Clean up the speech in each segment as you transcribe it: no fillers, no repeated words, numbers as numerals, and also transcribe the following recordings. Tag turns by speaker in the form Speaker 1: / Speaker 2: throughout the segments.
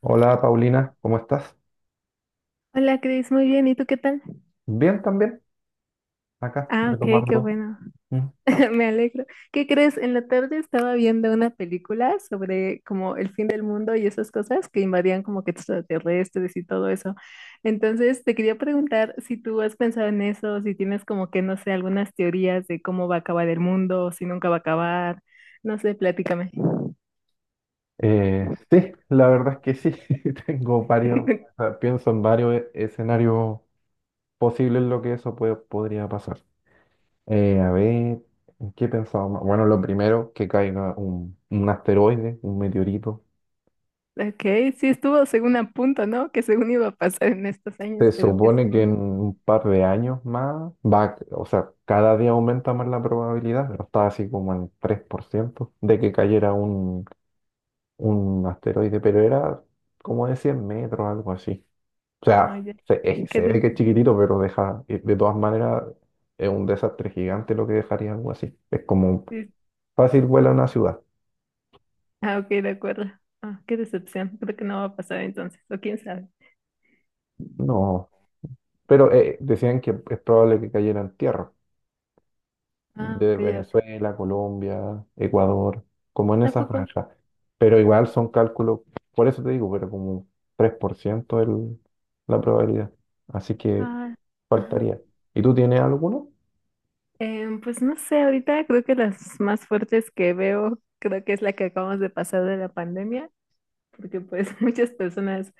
Speaker 1: Hola Paulina, ¿cómo estás?
Speaker 2: Hola Cris, muy bien. ¿Y tú qué tal?
Speaker 1: Bien también, acá
Speaker 2: Ah, ok, qué
Speaker 1: retomando.
Speaker 2: bueno.
Speaker 1: Mm.
Speaker 2: Me alegro. ¿Qué crees? En la tarde estaba viendo una película sobre como el fin del mundo y esas cosas que invadían como que extraterrestres y todo eso. Entonces, te quería preguntar si tú has pensado en eso, si tienes como que, no sé, algunas teorías de cómo va a acabar el mundo, si nunca va a acabar. No sé, platícame.
Speaker 1: Sí, la verdad es que sí, tengo varios, o sea, pienso en varios escenarios posibles en lo que eso podría pasar. A ver, ¿en qué pensaba más? Bueno, lo primero, que caiga un asteroide, un meteorito.
Speaker 2: Ok, sí estuvo según a punto, ¿no? Que según iba a pasar en estos años,
Speaker 1: Se
Speaker 2: pero que
Speaker 1: supone que
Speaker 2: según...
Speaker 1: en un par de años más va, o sea, cada día aumenta más la probabilidad, pero está así como en 3% de que cayera un asteroide, pero era como de 100 metros, algo así. O
Speaker 2: Ah,
Speaker 1: sea,
Speaker 2: ya. ¿Qué?
Speaker 1: se ve que es chiquitito, pero deja, y de todas maneras, es un desastre gigante lo que dejaría algo así. Es como fácil vuela una ciudad.
Speaker 2: Ah, ok, de acuerdo. Ah, qué decepción. Creo que no va a pasar entonces, o quién sabe.
Speaker 1: No, pero decían que es probable que cayera en tierra,
Speaker 2: Ah,
Speaker 1: de
Speaker 2: ok, ok.
Speaker 1: Venezuela, Colombia, Ecuador, como en esa
Speaker 2: Tampoco.
Speaker 1: franja. Pero igual son cálculos, por eso te digo, pero como tres por ciento, la probabilidad. Así que
Speaker 2: Ah, ajá.
Speaker 1: faltaría. ¿Y tú tienes alguno?
Speaker 2: Pues no sé, ahorita creo que las más fuertes que veo, creo que es la que acabamos de pasar de la pandemia, porque pues muchas personas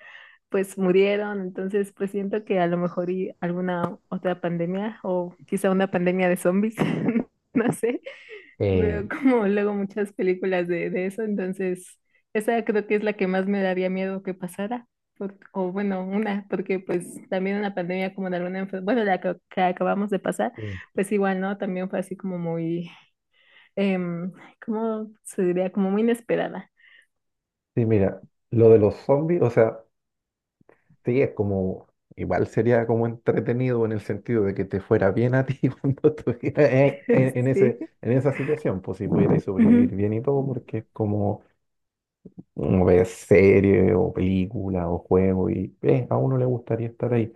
Speaker 2: pues murieron, entonces pues siento que a lo mejor y alguna otra pandemia o quizá una pandemia de zombies, no sé. Veo
Speaker 1: Eh,
Speaker 2: como luego muchas películas de eso, entonces esa creo que es la que más me daría miedo que pasara, por- o bueno, una, porque pues también una pandemia como de alguna enfermedad, bueno, la que acabamos de pasar,
Speaker 1: Mm.
Speaker 2: pues igual, ¿no? También fue así como muy, em, ¿cómo se diría? Como muy inesperada.
Speaker 1: Sí, mira, lo de los zombies, o sea, sí, es como, igual sería como entretenido en el sentido de que te fuera bien a ti cuando estuvieras en
Speaker 2: Sí.
Speaker 1: ese, en esa situación, pues si pudierais
Speaker 2: Ujú.
Speaker 1: sobrevivir bien y todo, porque es como, uno ve serie o película o juego y a uno le gustaría estar ahí,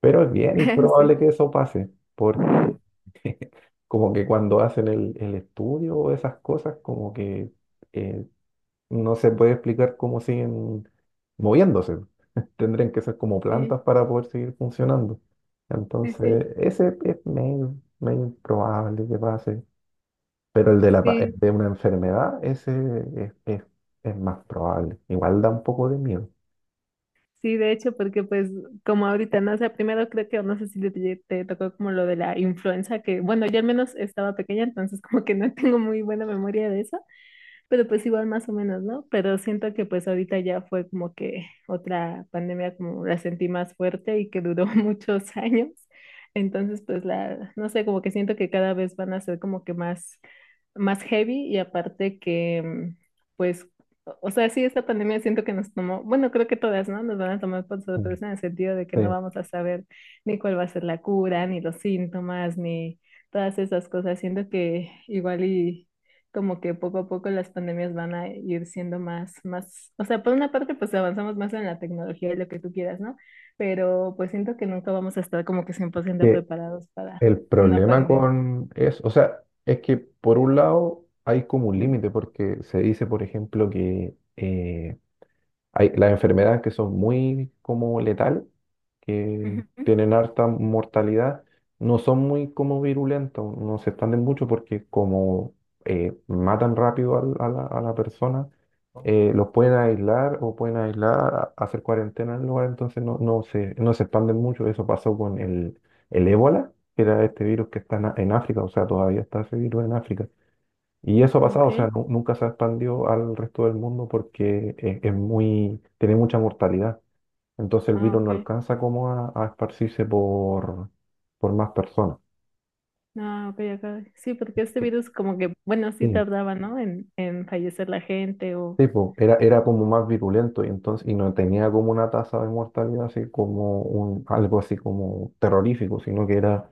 Speaker 1: pero es bien
Speaker 2: Sí,
Speaker 1: improbable que eso pase, porque como que cuando hacen el estudio o esas cosas, como que... eh, no se puede explicar cómo siguen moviéndose. Tendrían que ser como plantas para poder seguir funcionando.
Speaker 2: sí, sí, sí,
Speaker 1: Entonces, ese es medio, medio improbable que pase. Pero el de el
Speaker 2: sí.
Speaker 1: de una enfermedad, ese es, es- es más probable. Igual da un poco de miedo.
Speaker 2: Sí, de hecho, porque pues como ahorita, no sé, primero creo que, no sé si te, te tocó como lo de la influenza, que bueno, yo al menos estaba pequeña, entonces como que no tengo muy buena memoria de eso, pero pues igual más o menos, ¿no? Pero siento que pues ahorita ya fue como que otra pandemia como la sentí más fuerte y que duró muchos años. Entonces, pues la, no sé, como que siento que cada vez van a ser como que más, más heavy y aparte que, mm, pues, o sea, sí, esta pandemia siento que nos tomó, bueno, creo que todas, ¿no? Nos van a tomar por
Speaker 1: Mm.
Speaker 2: sorpresa en el sentido de que no
Speaker 1: Sí,
Speaker 2: vamos a saber ni cuál va a ser la cura, ni los síntomas, ni todas esas cosas. Siento que igual y como que poco a poco las pandemias van a ir siendo más, más, o sea, por una parte pues avanzamos más en la tecnología y lo que tú quieras, ¿no? Pero pues siento que nunca vamos a estar como que cien por ciento
Speaker 1: que
Speaker 2: preparados para
Speaker 1: el
Speaker 2: una
Speaker 1: problema
Speaker 2: pandemia.
Speaker 1: con eso, o sea, es que por un lado hay como un límite, porque se dice, por ejemplo, que hay las enfermedades que son muy como letales, que
Speaker 2: Ujú.
Speaker 1: tienen harta mortalidad, no son muy como virulentas, no se expanden mucho porque como matan rápido a la persona, los pueden aislar o pueden aislar, hacer cuarentena en el lugar, entonces no se expanden mucho. Eso pasó con el ébola, que era este virus que está en, en África, o sea, todavía está ese virus en África y eso ha pasado, o
Speaker 2: Ok,
Speaker 1: sea, nunca se expandió al resto del mundo porque es muy, tiene mucha mortalidad. Entonces el
Speaker 2: ah,
Speaker 1: virus no
Speaker 2: ok,
Speaker 1: alcanza como a esparcirse por más personas.
Speaker 2: ah, ok, acá. Sí, porque este virus como que, bueno, sí
Speaker 1: Sí,
Speaker 2: tardaba, ¿no? En fallecer la gente o...
Speaker 1: sí, po, era como más virulento y entonces, y no tenía como una tasa de mortalidad así como un, algo así como terrorífico, sino que era,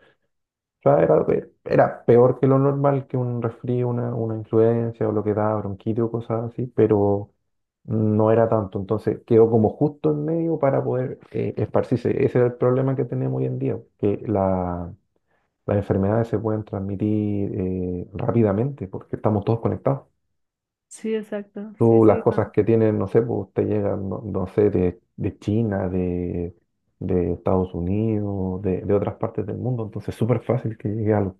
Speaker 1: o sea, era, era peor que lo normal que un resfrío, una influencia o lo que da bronquitis o cosas así, pero no era tanto. Entonces quedó como justo en medio para poder esparcirse. Ese es el problema que tenemos hoy en día, que las enfermedades se pueden transmitir rápidamente porque estamos todos conectados.
Speaker 2: Sí, exacto, sí,
Speaker 1: Tú las
Speaker 2: sí.
Speaker 1: cosas que tienen, no sé, pues te llegan, no sé, de China, de Estados Unidos, de otras partes del mundo. Entonces es súper fácil que llegue algo.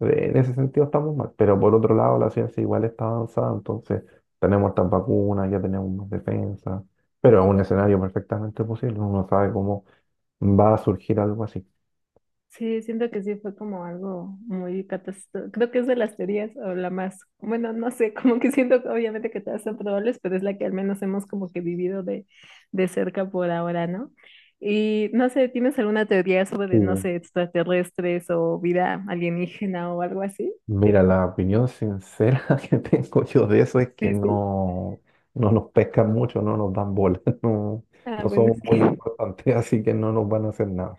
Speaker 1: En ese sentido estamos mal, pero por otro lado la ciencia igual está avanzada, entonces tenemos estas vacunas, ya tenemos más defensa, pero es un escenario perfectamente posible, uno sabe cómo va a surgir algo así.
Speaker 2: Sí, siento que sí fue como algo muy catastrófico. Creo que es de las teorías o la más, bueno, no sé, como que siento que obviamente que todas son probables, pero es la que al menos hemos como que vivido de cerca por ahora, ¿no? Y no sé, ¿tienes alguna teoría sobre, no
Speaker 1: Sí.
Speaker 2: sé, extraterrestres o vida alienígena o algo así?
Speaker 1: Mira, la opinión sincera que tengo yo de eso es que
Speaker 2: Sí, sí.
Speaker 1: no, no nos pescan mucho, no nos dan bola, no,
Speaker 2: Ah,
Speaker 1: no
Speaker 2: bueno,
Speaker 1: somos
Speaker 2: sí.
Speaker 1: muy importantes, así que no nos van a hacer nada.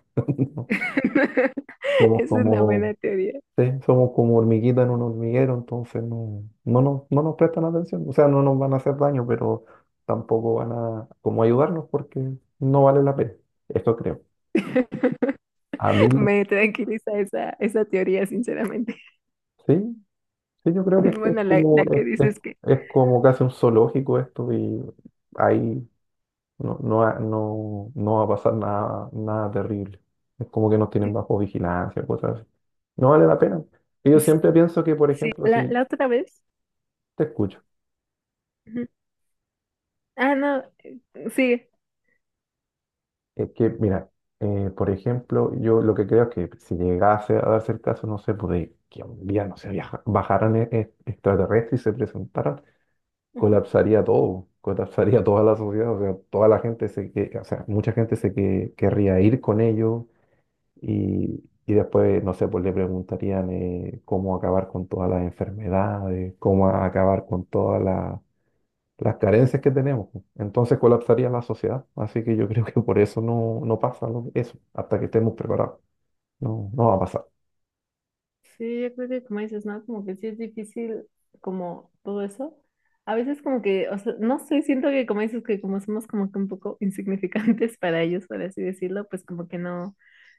Speaker 1: Somos
Speaker 2: Es una
Speaker 1: como,
Speaker 2: buena teoría.
Speaker 1: sí, somos como hormiguitas en un hormiguero, entonces no nos prestan atención. O sea, no nos van a hacer daño, pero tampoco van a como ayudarnos porque no vale la pena. Eso creo. A mí, la-
Speaker 2: Me tranquiliza esa, esa teoría, sinceramente.
Speaker 1: sí, sí, yo creo que es
Speaker 2: Bueno, la,
Speaker 1: como,
Speaker 2: la que dices
Speaker 1: es como casi un zoológico esto y ahí no va a pasar nada, nada terrible. Es como que nos tienen
Speaker 2: que...
Speaker 1: bajo vigilancia, cosas así. No vale la pena. Y yo siempre pienso que, por
Speaker 2: Sí,
Speaker 1: ejemplo,
Speaker 2: la,
Speaker 1: si
Speaker 2: la otra vez.
Speaker 1: te escucho.
Speaker 2: Ujú. Ah, no, sí.
Speaker 1: Es que, mira, por ejemplo, yo lo que creo es que si llegase a darse el caso, no sé, pues de que un día, no sé, bajaran extraterrestres y se presentaran,
Speaker 2: Ujú.
Speaker 1: colapsaría todo, colapsaría toda la sociedad, o sea, toda la gente se que, o sea, mucha gente se que, querría ir con ellos y después, no sé, pues le preguntarían cómo acabar con todas las enfermedades, cómo acabar con todas las carencias que tenemos, pues, entonces colapsaría la sociedad. Así que yo creo que por eso no, no pasa eso, hasta que estemos preparados. No, no va a pasar.
Speaker 2: Sí, yo creo que como dices, ¿no? Como que sí es difícil como todo eso. A veces como que, o sea, no sé, siento que como dices que como somos como que un poco insignificantes para ellos, por así decirlo, pues como que no,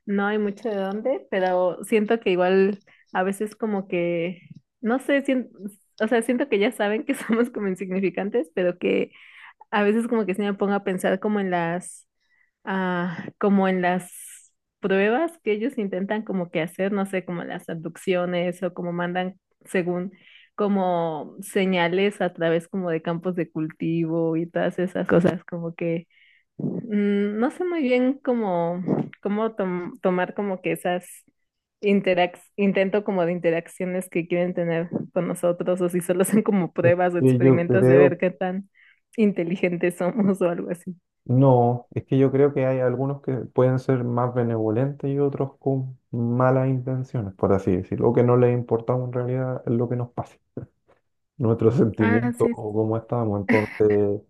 Speaker 2: no hay mucho de dónde, pero siento que igual a veces como que, no sé, sien- o sea, siento que ya saben que somos como insignificantes, pero que a veces como que se me pongo a pensar como en las, ah, como en las pruebas que ellos intentan como que hacer, no sé, como las abducciones o como mandan según como señales a través como de campos de cultivo y todas esas cosas, como que mm, no sé muy bien cómo, cómo tom- tomar como que esas interac intento como de interacciones que quieren tener con nosotros o si solo son como
Speaker 1: Es
Speaker 2: pruebas o
Speaker 1: que yo
Speaker 2: experimentos de
Speaker 1: creo,
Speaker 2: ver qué tan inteligentes somos o algo así.
Speaker 1: no, es que yo creo que hay algunos que pueden ser más benevolentes y otros con malas intenciones, por así decirlo, o que no les importamos en realidad lo que nos pase, nuestros
Speaker 2: Ah,
Speaker 1: sentimientos
Speaker 2: sí.
Speaker 1: o cómo estamos. Entonces,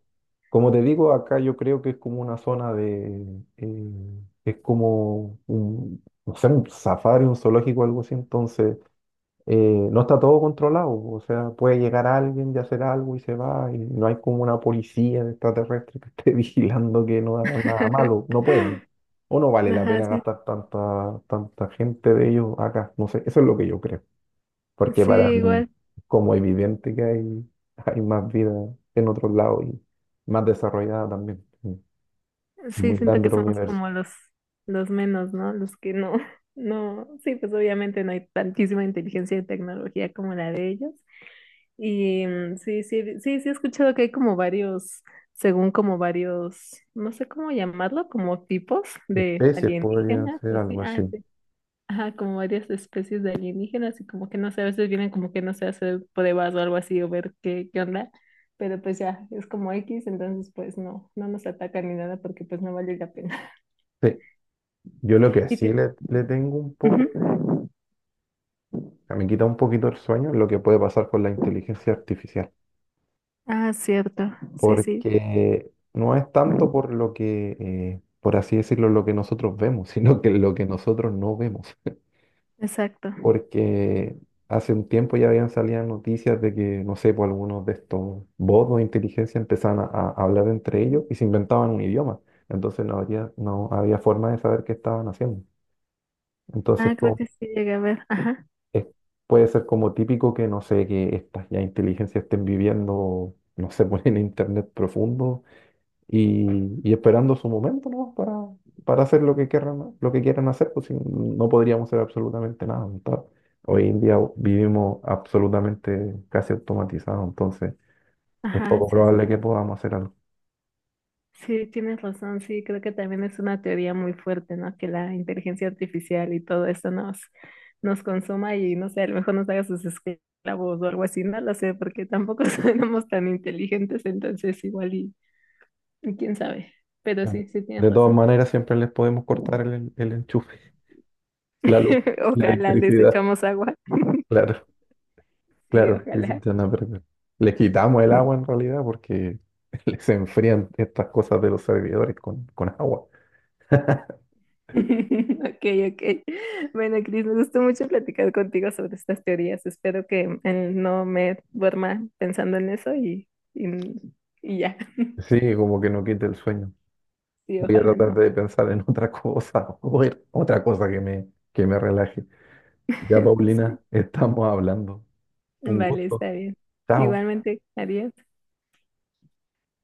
Speaker 1: como te digo, acá yo creo que es como una zona de... es como un, no sé, un safari, un zoológico, algo así. Entonces, eh, no está todo controlado. O sea, puede llegar alguien y hacer algo y se va. Y no hay como una policía extraterrestre que esté vigilando que no hagan nada malo. No pueden. O no vale la
Speaker 2: Ajá,
Speaker 1: pena
Speaker 2: sí.
Speaker 1: gastar tanta, tanta gente de ellos acá. No sé, eso es lo que yo creo porque
Speaker 2: Sí,
Speaker 1: para mí es
Speaker 2: igual.
Speaker 1: como evidente que hay, hay más vida en otros lados y más desarrollada también. Es
Speaker 2: Sí,
Speaker 1: muy
Speaker 2: siento
Speaker 1: grande
Speaker 2: que
Speaker 1: el
Speaker 2: somos
Speaker 1: universo.
Speaker 2: como los menos, ¿no? Los que no, no, sí, pues obviamente no hay tantísima inteligencia y tecnología como la de ellos. Y mm, sí, sí, sí, sí he escuchado que hay como varios, según como varios, no sé cómo llamarlo, como tipos de
Speaker 1: Especies podrían
Speaker 2: alienígenas,
Speaker 1: ser
Speaker 2: o así,
Speaker 1: algo
Speaker 2: ah,
Speaker 1: así.
Speaker 2: sí. Ajá, como varias especies de alienígenas y como que no sé, a veces vienen como que no sé, a hacer pruebas o algo así o ver qué, qué onda, pero pues ya, es como X, entonces pues no, no nos atacan ni nada porque pues no vale la pena.
Speaker 1: Sí, yo lo que
Speaker 2: Y
Speaker 1: sí
Speaker 2: tiene...
Speaker 1: le tengo un
Speaker 2: Ujú.
Speaker 1: poco, o sea, me quita un poquito el sueño lo que puede pasar con la inteligencia artificial,
Speaker 2: Ah, cierto, sí, sí,
Speaker 1: porque no es tanto por lo que, por así decirlo, lo que nosotros vemos, sino que lo que nosotros no vemos.
Speaker 2: exacto.
Speaker 1: Porque hace un tiempo ya habían salido noticias de que, no sé, por algunos de estos bots de inteligencia empezaban a hablar entre ellos y se inventaban un idioma. Entonces no había forma de saber qué estaban haciendo.
Speaker 2: Ah,
Speaker 1: Entonces
Speaker 2: creo
Speaker 1: como,
Speaker 2: que sí llegué a ver, ajá,
Speaker 1: es- puede ser como típico que, no sé, que estas ya inteligencias estén viviendo, no sé, pues, en internet profundo y esperando su momento, ¿no? Para hacer lo que quieran hacer, pues si no podríamos hacer absolutamente nada. ¿No? Tal. Hoy en día vivimos absolutamente casi automatizados, entonces es
Speaker 2: ajá,
Speaker 1: poco
Speaker 2: sí.
Speaker 1: probable que podamos hacer algo.
Speaker 2: Sí, tienes razón, sí, creo que también es una teoría muy fuerte, ¿no? Que la inteligencia artificial y todo esto nos, nos consuma y no sé, a lo mejor nos haga sus esclavos o algo así, no lo sé, porque tampoco somos tan inteligentes, entonces igual y quién sabe, pero
Speaker 1: Claro.
Speaker 2: sí, sí tienes
Speaker 1: De todas
Speaker 2: razón.
Speaker 1: maneras, siempre les podemos cortar el enchufe, la luz, la
Speaker 2: Ojalá les
Speaker 1: electricidad.
Speaker 2: echamos agua,
Speaker 1: Claro,
Speaker 2: sí,
Speaker 1: claro, dicen,
Speaker 2: ojalá.
Speaker 1: "Ya no, pero". Les quitamos el agua en realidad porque les enfrían estas cosas de los servidores con agua.
Speaker 2: Ok, ok. Bueno, Cris, me gustó mucho platicar contigo sobre estas teorías. Espero que no me duerma pensando en eso y, y ya.
Speaker 1: Sí, como que no quita el sueño.
Speaker 2: Sí,
Speaker 1: Voy a
Speaker 2: ojalá
Speaker 1: tratar
Speaker 2: no.
Speaker 1: de pensar en otra cosa, o en otra cosa que me relaje. Ya,
Speaker 2: Sí.
Speaker 1: Paulina, estamos hablando. Un
Speaker 2: Vale, está
Speaker 1: gusto.
Speaker 2: bien.
Speaker 1: Chao.
Speaker 2: Igualmente, adiós.